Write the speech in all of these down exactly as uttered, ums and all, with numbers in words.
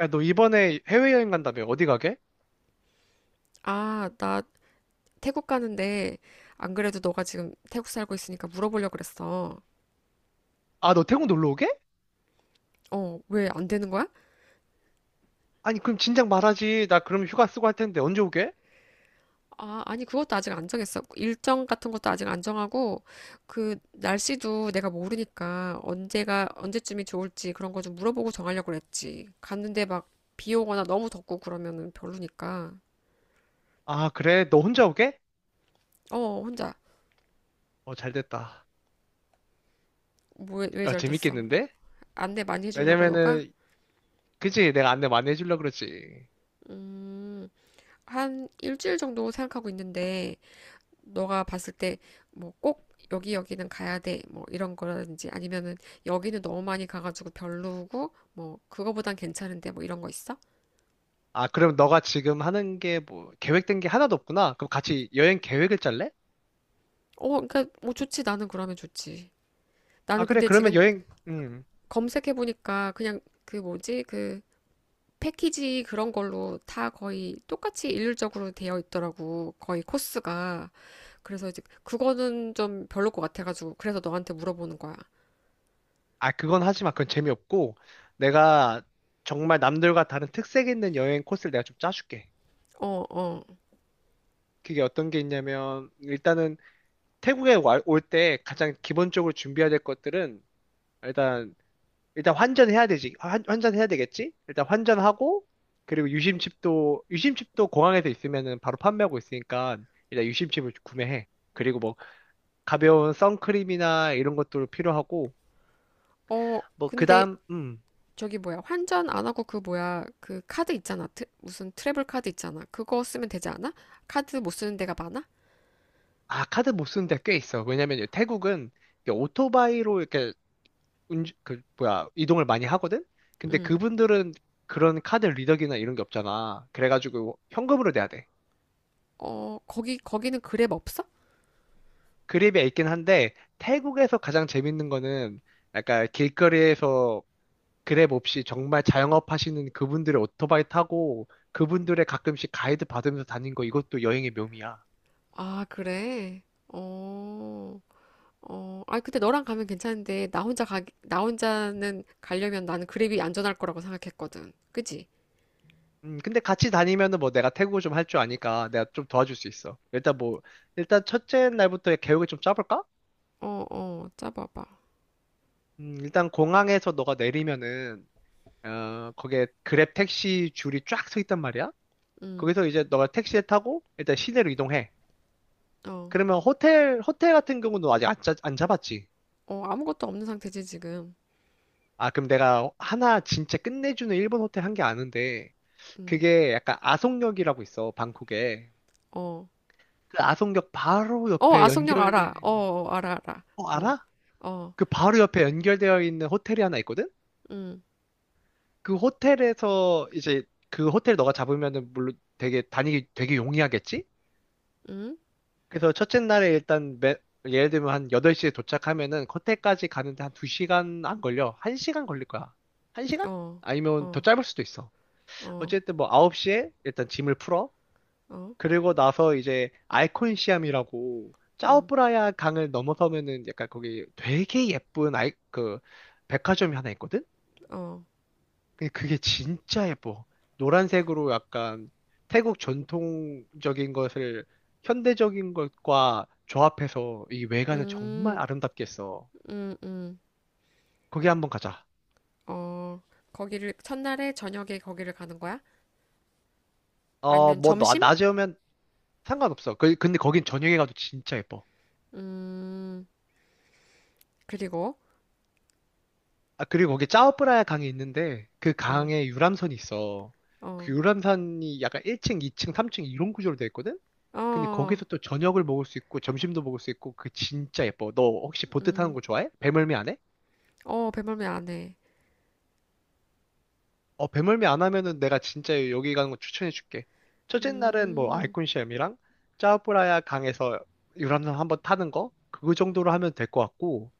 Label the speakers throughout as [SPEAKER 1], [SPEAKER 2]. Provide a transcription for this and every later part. [SPEAKER 1] 야, 너 이번에 해외여행 간다며? 어디 가게?
[SPEAKER 2] 아, 나 태국 가는데, 안 그래도 너가 지금 태국 살고 있으니까 물어보려고 그랬어.
[SPEAKER 1] 아, 너 태국 놀러 오게?
[SPEAKER 2] 어, 왜 안 되는 거야?
[SPEAKER 1] 아니, 그럼 진작 말하지. 나 그럼 휴가 쓰고 할 텐데 언제 오게?
[SPEAKER 2] 아, 아니, 그것도 아직 안 정했어. 일정 같은 것도 아직 안 정하고, 그 날씨도 내가 모르니까 언제가 언제쯤이 좋을지 그런 거 좀 물어보고 정하려고 그랬지. 갔는데 막 비 오거나 너무 덥고 그러면은 별로니까.
[SPEAKER 1] 아, 그래? 너 혼자 오게?
[SPEAKER 2] 어, 혼자.
[SPEAKER 1] 어, 잘 됐다.
[SPEAKER 2] 뭐 왜
[SPEAKER 1] 야,
[SPEAKER 2] 잘됐어?
[SPEAKER 1] 재밌겠는데?
[SPEAKER 2] 안내 많이 해주려고 너가?
[SPEAKER 1] 왜냐면은, 그지? 내가 안내 많이 해주려고 그러지.
[SPEAKER 2] 음, 한 일주일 정도 생각하고 있는데, 너가 봤을 때 뭐 꼭 여기 여기는 가야 돼, 뭐 이런 거라든지, 아니면은 여기는 너무 많이 가가지고 별로고 뭐 그거보단 괜찮은데 뭐 이런 거 있어?
[SPEAKER 1] 아, 그럼 너가 지금 하는 게 뭐, 계획된 게 하나도 없구나. 그럼 같이 여행 계획을 짤래?
[SPEAKER 2] 어, 그러니까 뭐 좋지. 나는 그러면 좋지.
[SPEAKER 1] 아,
[SPEAKER 2] 나는
[SPEAKER 1] 그래.
[SPEAKER 2] 근데
[SPEAKER 1] 그러면
[SPEAKER 2] 지금
[SPEAKER 1] 여행, 음.
[SPEAKER 2] 검색해 보니까, 그냥 그 뭐지 그 패키지 그런 걸로 다 거의 똑같이 일률적으로 되어 있더라고, 거의 코스가. 그래서 이제 그거는 좀 별로 것 같아가지고, 그래서 너한테 물어보는 거야.
[SPEAKER 1] 아, 그건 하지 마. 그건 재미없고. 내가 정말 남들과 다른 특색 있는 여행 코스를 내가 좀 짜줄게.
[SPEAKER 2] 어. 어.
[SPEAKER 1] 그게 어떤 게 있냐면, 일단은, 태국에 올 때 가장 기본적으로 준비해야 될 것들은 일단 일단 환전해야 되지. 환, 환전해야 되겠지? 일단 환전하고 그리고 유심칩도 유심칩도 공항에서 있으면은 바로 판매하고 있으니까 일단 유심칩을 구매해. 그리고 뭐 가벼운 선크림이나 이런 것도 필요하고
[SPEAKER 2] 어.
[SPEAKER 1] 뭐
[SPEAKER 2] 근데
[SPEAKER 1] 그다음 음.
[SPEAKER 2] 저기 뭐야, 환전 안 하고 그 뭐야 그 카드 있잖아, 트- 무슨 트래블 카드 있잖아, 그거 쓰면 되지 않아? 카드 못 쓰는 데가 많아?
[SPEAKER 1] 아, 카드 못 쓰는 데 꽤 있어. 왜냐면 태국은 이게 오토바이로 이렇게 운주, 그, 뭐야, 이동을 많이 하거든? 근데
[SPEAKER 2] 응.
[SPEAKER 1] 그분들은 그런 카드 리더기나 이런 게 없잖아. 그래가지고 현금으로 내야 돼.
[SPEAKER 2] 어, 거기 거기는 그랩 없어?
[SPEAKER 1] 그랩이 있긴 한데, 태국에서 가장 재밌는 거는 약간 길거리에서 그랩 없이 정말 자영업 하시는 그분들의 오토바이 타고 그분들의 가끔씩 가이드 받으면서 다닌 거 이것도 여행의 묘미야.
[SPEAKER 2] 아, 그래. 어. 어. 아, 근데 너랑 가면 괜찮은데, 나 혼자 가 나 혼자는 가려면 나는 그랩이 안전할 거라고 생각했거든. 그지?
[SPEAKER 1] 음, 근데 같이 다니면은 뭐 내가 태국어 좀 할 줄 아니까 내가 좀 도와줄 수 있어. 일단 뭐, 일단 첫째 날부터 계획을 좀 짜볼까?
[SPEAKER 2] 어. 어. 짜봐봐.
[SPEAKER 1] 음, 일단 공항에서 너가 내리면은 어, 거기에 그랩 택시 줄이 쫙 서 있단 말이야.
[SPEAKER 2] 응.
[SPEAKER 1] 거기서 이제 너가 택시를 타고 일단 시내로 이동해.
[SPEAKER 2] 어.
[SPEAKER 1] 그러면 호텔, 호텔 같은 경우는 아직 안, 짜- 안 잡았지.
[SPEAKER 2] 어, 아무것도 없는 상태지 지금.
[SPEAKER 1] 아, 그럼 내가 하나 진짜 끝내주는 일본 호텔 한 게 아는데,
[SPEAKER 2] 응.
[SPEAKER 1] 그게 약간 아송역이라고 있어, 방콕에.
[SPEAKER 2] 어.
[SPEAKER 1] 그 아송역 바로
[SPEAKER 2] 어,
[SPEAKER 1] 옆에
[SPEAKER 2] 아속역 알아. 어,
[SPEAKER 1] 연결된,
[SPEAKER 2] 어, 알아 알아.
[SPEAKER 1] 어,
[SPEAKER 2] 어.
[SPEAKER 1] 알아?
[SPEAKER 2] 어.
[SPEAKER 1] 그 바로 옆에 연결되어 있는 호텔이 하나 있거든?
[SPEAKER 2] 응.
[SPEAKER 1] 그 호텔에서 이제 그 호텔 너가 잡으면은 물론 되게 다니기 되게 용이하겠지?
[SPEAKER 2] 응?
[SPEAKER 1] 그래서 첫째 날에 일단 매- 예를 들면 한 여덟 시에 도착하면은 코테까지 가는데 한 두 시간 안 걸려. 한 시간 걸릴 거야. 한 시간?
[SPEAKER 2] 어.
[SPEAKER 1] 아니면 더
[SPEAKER 2] 어.
[SPEAKER 1] 짧을 수도 있어.
[SPEAKER 2] 어.
[SPEAKER 1] 어쨌든 뭐 아홉 시에 일단 짐을 풀어.
[SPEAKER 2] 어.
[SPEAKER 1] 그리고 나서 이제 아이콘 시암이라고
[SPEAKER 2] 음.
[SPEAKER 1] 짜오프라야 강을 넘어서면은 약간 거기 되게 예쁜 아이 그 백화점이 하나 있거든.
[SPEAKER 2] 어.
[SPEAKER 1] 근데 그게 진짜 예뻐. 노란색으로 약간 태국 전통적인 것을 현대적인 것과 조합해서 이 외관을 정말
[SPEAKER 2] 음.
[SPEAKER 1] 아름답게 했어.
[SPEAKER 2] 음. 음.
[SPEAKER 1] 거기 한번 가자.
[SPEAKER 2] 어. 거기를, 첫날에 저녁에 거기를 가는 거야?
[SPEAKER 1] 어,
[SPEAKER 2] 아니면
[SPEAKER 1] 뭐, 나-
[SPEAKER 2] 점심?
[SPEAKER 1] 낮에 오면 상관없어. 그- 근데 거긴 저녁에 가도 진짜 예뻐.
[SPEAKER 2] 음. 그리고.
[SPEAKER 1] 아, 그리고 거기 짜오프라야 강이 있는데 그
[SPEAKER 2] 어.
[SPEAKER 1] 강에 유람선이 있어.
[SPEAKER 2] 어.
[SPEAKER 1] 그 유람선이 약간 일 층, 이 층, 삼 층 이런 구조로 돼 있거든? 근데
[SPEAKER 2] 어.
[SPEAKER 1] 거기서 또 저녁을 먹을 수 있고 점심도 먹을 수 있고 그게 진짜 예뻐. 너 혹시 보트 타는
[SPEAKER 2] 음.
[SPEAKER 1] 거 좋아해? 배멀미 안 해?
[SPEAKER 2] 어, 배멀미 안 해.
[SPEAKER 1] 어, 배멀미 안 하면은 내가 진짜 여기 가는 거 추천해 줄게. 첫째 날은 뭐
[SPEAKER 2] 음,
[SPEAKER 1] 아이콘시엠이랑 짜오프라야 강에서 유람선 한번 타는 거? 그 정도로 하면 될 것 같고.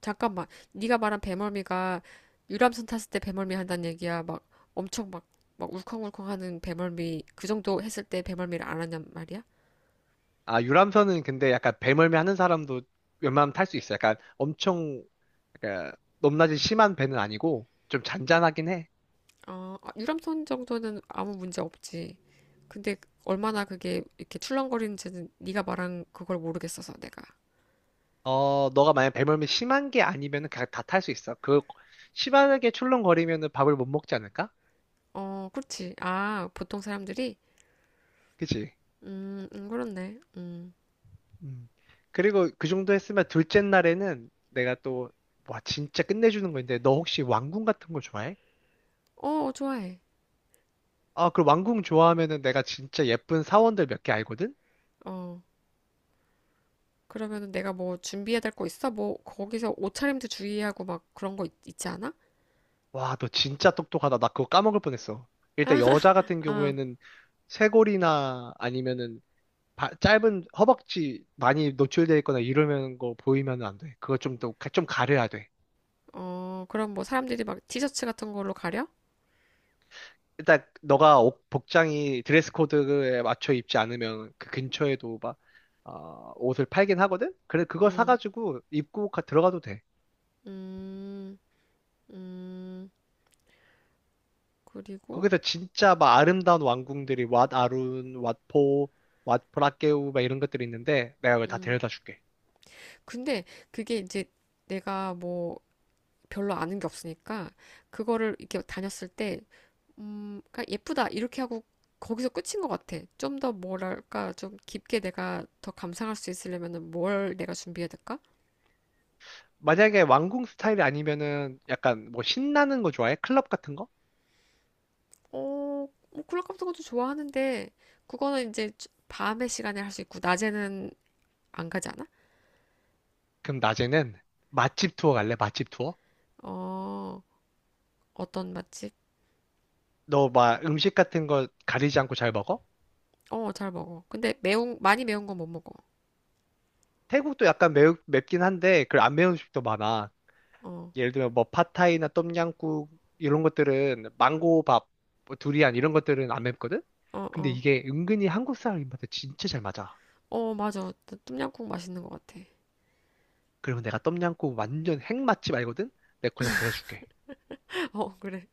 [SPEAKER 2] 잠깐만. 네가 말한 배멀미가 유람선 탔을 때 배멀미 한다는 얘기야. 막 엄청 막, 막 울컹울컹 하는 배멀미, 그 정도 했을 때 배멀미를 안 하냐 말이야?
[SPEAKER 1] 아, 유람선은 근데 약간 배멀미 하는 사람도 웬만하면 탈 수 있어. 약간 엄청, 약간 높낮이 심한 배는 아니고 좀 잔잔하긴 해.
[SPEAKER 2] 아, 아, 유람선 정도는 아무 문제 없지. 근데 얼마나 그게 이렇게 출렁거리는지는 네가 말한 그걸 모르겠어서 내가.
[SPEAKER 1] 어, 너가 만약 배멀미 심한 게 아니면은 그냥 다 탈 수 있어. 그, 심하게 출렁거리면은 밥을 못 먹지 않을까?
[SPEAKER 2] 어, 그렇지. 아, 보통 사람들이.
[SPEAKER 1] 그치?
[SPEAKER 2] 음. 음. 그렇네. 음.
[SPEAKER 1] 음. 그리고 그 정도 했으면 둘째 날에는 내가 또, 와, 진짜 끝내주는 거 있는데, 너 혹시 왕궁 같은 거 좋아해?
[SPEAKER 2] 어, 좋아해.
[SPEAKER 1] 아, 그 왕궁 좋아하면은 내가 진짜 예쁜 사원들 몇 개 알거든?
[SPEAKER 2] 어. 그러면은 내가 뭐 준비해야 될 거 있어? 뭐 거기서 옷차림도 주의하고 막 그런 거 있, 있지 않아?
[SPEAKER 1] 와, 너 진짜 똑똑하다. 나 그거 까먹을 뻔했어. 일단 여자 같은
[SPEAKER 2] 아,
[SPEAKER 1] 경우에는 쇄골이나 아니면은 바- 짧은 허벅지 많이 노출돼 있거나 이러는 거 보이면 안 돼. 그거 좀 더, 좀 가려야 돼.
[SPEAKER 2] 어, 그럼 뭐 사람들이 막 티셔츠 같은 걸로 가려?
[SPEAKER 1] 일단 너가 옷- 복장이 드레스 코드에 맞춰 입지 않으면 그 근처에도 막 어, 옷을 팔긴 하거든. 그래 그거
[SPEAKER 2] 음.
[SPEAKER 1] 사가지고 입고 가- 들어가도 돼.
[SPEAKER 2] 음. 음. 그리고.
[SPEAKER 1] 거기서 진짜 막 아름다운 왕궁들이 왓 아룬, 왓포, 왓 브라케우 막 이런 것들이 있는데 내가 그걸 다
[SPEAKER 2] 음
[SPEAKER 1] 데려다 줄게.
[SPEAKER 2] 근데 그게 이제 내가 뭐 별로 아는 게 없으니까 그거를 이렇게 다녔을 때, 음, 그러니까 예쁘다 이렇게 하고 거기서 끝인 것 같아. 좀 더 뭐랄까 좀 깊게 내가 더 감상할 수 있으려면은 뭘 내가 준비해야 될까?
[SPEAKER 1] 만약에 왕궁 스타일이 아니면은 약간 뭐 신나는 거 좋아해? 클럽 같은 거?
[SPEAKER 2] 어, 뭐 콜라 같은 것도 좋아하는데, 그거는 이제 밤의 시간에 할 수 있고 낮에는 안 가지 않아?
[SPEAKER 1] 그럼 낮에는 맛집 투어 갈래? 맛집 투어?
[SPEAKER 2] 어, 어떤 맛집?
[SPEAKER 1] 너 막 음식 같은 거 가리지 않고 잘 먹어?
[SPEAKER 2] 어, 잘 먹어. 근데 매운 많이 매운 건 못 먹어.
[SPEAKER 1] 태국도 약간 매우, 맵긴 한데 그 안 매운 음식도 많아.
[SPEAKER 2] 어.
[SPEAKER 1] 예를 들면 뭐 팟타이나 똠양꿍 이런 것들은 망고밥, 뭐 두리안 이런 것들은 안 맵거든?
[SPEAKER 2] 어.
[SPEAKER 1] 근데
[SPEAKER 2] 어.
[SPEAKER 1] 이게 은근히 한국 사람 입맛에 진짜 잘 맞아.
[SPEAKER 2] 어, 맞아. 똠양꿍 맛있는 것 같아.
[SPEAKER 1] 그리고 내가 똠양꿍 완전 핵맛집 알거든? 내가 거기다 데려줄게.
[SPEAKER 2] 어, 그래.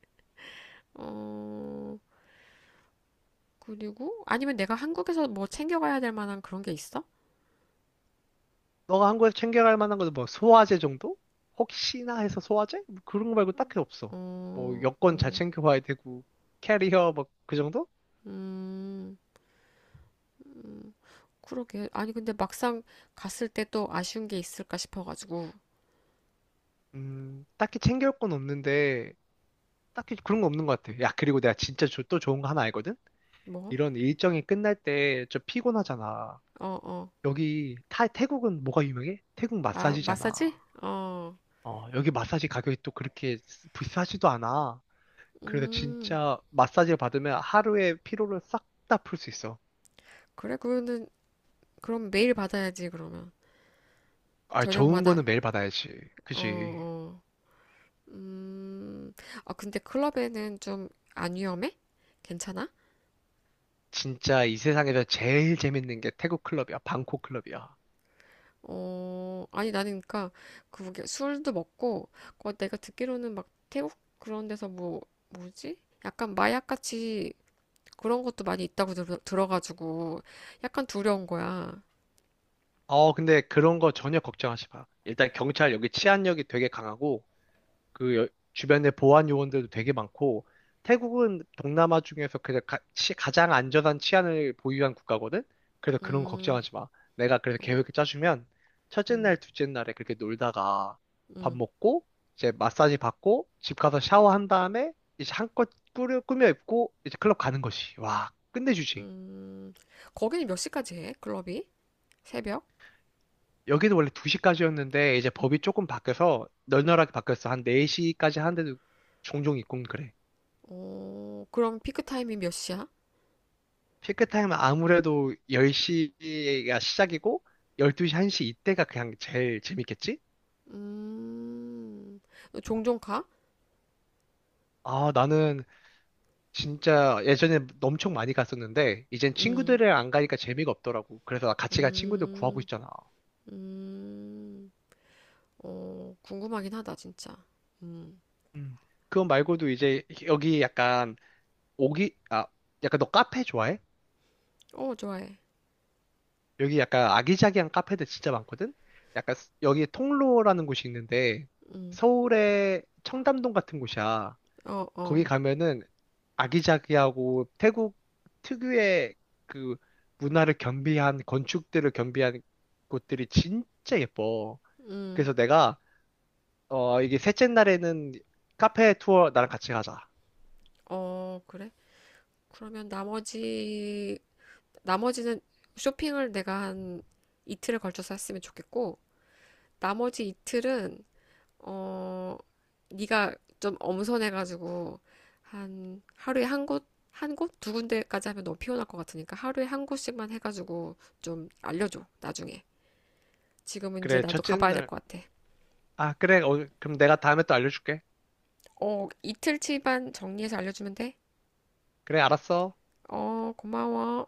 [SPEAKER 2] 어, 그리고 아니면 내가 한국에서 뭐 챙겨가야 될 만한 그런 게 있어?
[SPEAKER 1] 너가 한국에서 챙겨갈 만한 거는 뭐 소화제 정도? 혹시나 해서 소화제? 뭐 그런 거 말고 딱히 없어. 뭐
[SPEAKER 2] 어.
[SPEAKER 1] 여권 잘
[SPEAKER 2] 어.
[SPEAKER 1] 챙겨와야 되고 캐리어 뭐 그 정도?
[SPEAKER 2] 음. 음. 그러게. 아니, 근데 막상 갔을 때 또 아쉬운 게 있을까 싶어가지고.
[SPEAKER 1] 음, 딱히 챙겨올 건 없는데 딱히 그런 거 없는 것 같아. 야, 그리고 내가 진짜 조- 또 좋은 거 하나 알거든?
[SPEAKER 2] 뭐?
[SPEAKER 1] 이런 일정이 끝날 때 좀 피곤하잖아.
[SPEAKER 2] 어. 어.
[SPEAKER 1] 여기 타, 태국은 뭐가 유명해? 태국
[SPEAKER 2] 아,
[SPEAKER 1] 마사지잖아.
[SPEAKER 2] 마사지? 어.
[SPEAKER 1] 어, 여기 마사지 가격이 또 그렇게 비싸지도 않아. 그래서
[SPEAKER 2] 음.
[SPEAKER 1] 진짜 마사지를 받으면 하루의 피로를 싹 다 풀 수 있어.
[SPEAKER 2] 그래, 그거는, 그럼 매일 받아야지, 그러면.
[SPEAKER 1] 아, 좋은 거는
[SPEAKER 2] 저녁마다.
[SPEAKER 1] 매일 받아야지.
[SPEAKER 2] 어.
[SPEAKER 1] 그지?
[SPEAKER 2] 어. 음. 아, 근데 클럽에는 좀 안 위험해? 괜찮아?
[SPEAKER 1] 진짜 이 세상에서 제일 재밌는 게 태국 클럽이야. 방콕 클럽이야.
[SPEAKER 2] 어, 아니, 나는 그니까, 그게 술도 먹고, 그 내가 듣기로는 막 태국 그런 데서 뭐, 뭐지? 약간 마약같이 그런 것도 많이 있다고 들, 들어가지고, 약간 두려운 거야.
[SPEAKER 1] 어, 근데 그런 거 전혀 걱정하지 마. 일단 경찰 여기 치안력이 되게 강하고 그 여- 주변에 보안 요원들도 되게 많고 태국은 동남아 중에서 그냥 가, 장 안전한 치안을 보유한 국가거든. 그래서 그런 거
[SPEAKER 2] 음.
[SPEAKER 1] 걱정하지 마. 내가 그래서
[SPEAKER 2] 어.
[SPEAKER 1] 계획을 짜주면 첫째 날,
[SPEAKER 2] 음.
[SPEAKER 1] 둘째 날에 그렇게 놀다가 밥
[SPEAKER 2] 음.
[SPEAKER 1] 먹고 이제 마사지 받고 집 가서 샤워한 다음에 이제 한껏 꾸려, 꾸며 입고 이제 클럽 가는 거지 와, 끝내주지.
[SPEAKER 2] 음. 거기는 몇 시까지 해? 클럽이? 새벽?
[SPEAKER 1] 여기도 원래 두 시까지였는데 이제 법이 조금 바뀌어서 널널하게 바뀌었어. 한 네 시까지 하는데도 종종 있고 그래.
[SPEAKER 2] 어, 그럼 피크 타임이 몇 시야?
[SPEAKER 1] 피크타임은 아무래도 열 시가 시작이고 열두 시, 한 시 이때가 그냥 제일 재밌겠지?
[SPEAKER 2] 음, 너 종종 가?
[SPEAKER 1] 아, 나는 진짜 예전에 엄청 많이 갔었는데 이젠
[SPEAKER 2] 음.
[SPEAKER 1] 친구들이랑 안 가니까 재미가 없더라고. 그래서 나 같이 갈 친구들 구하고
[SPEAKER 2] 음.
[SPEAKER 1] 있잖아.
[SPEAKER 2] 음. 어, 궁금하긴 하다, 진짜. 음.
[SPEAKER 1] 음. 그거 말고도 이제 여기 약간 오기 아, 약간 너 카페 좋아해?
[SPEAKER 2] 어, 좋아해.
[SPEAKER 1] 여기 약간 아기자기한 카페들 진짜 많거든? 약간 스- 여기 통로라는 곳이 있는데
[SPEAKER 2] 음.
[SPEAKER 1] 서울의 청담동 같은 곳이야.
[SPEAKER 2] 어.
[SPEAKER 1] 거기
[SPEAKER 2] 어.
[SPEAKER 1] 가면은 아기자기하고 태국 특유의 그 문화를 겸비한 건축들을 겸비한 곳들이 진짜 예뻐.
[SPEAKER 2] 음.
[SPEAKER 1] 그래서 내가 어 이게 셋째 날에는 카페 투어 나랑 같이 가자.
[SPEAKER 2] 어, 그래? 그러면 나머지, 나머지는 쇼핑을 내가 한 이틀에 걸쳐서 했으면 좋겠고, 나머지 이틀은, 어, 네가 좀 엄선해가지고, 한, 하루에 한 곳, 한 곳? 두 군데까지 하면 너무 피곤할 것 같으니까, 하루에 한 곳씩만 해가지고, 좀 알려줘, 나중에. 지금은 이제
[SPEAKER 1] 그래,
[SPEAKER 2] 나도
[SPEAKER 1] 첫째
[SPEAKER 2] 가봐야 될
[SPEAKER 1] 날.
[SPEAKER 2] 것 같아.
[SPEAKER 1] 아, 그래. 어, 그럼 내가 다음에 또 알려줄게.
[SPEAKER 2] 어, 이틀치만 정리해서 알려주면 돼?
[SPEAKER 1] 그래, 알았어.
[SPEAKER 2] 어, 고마워.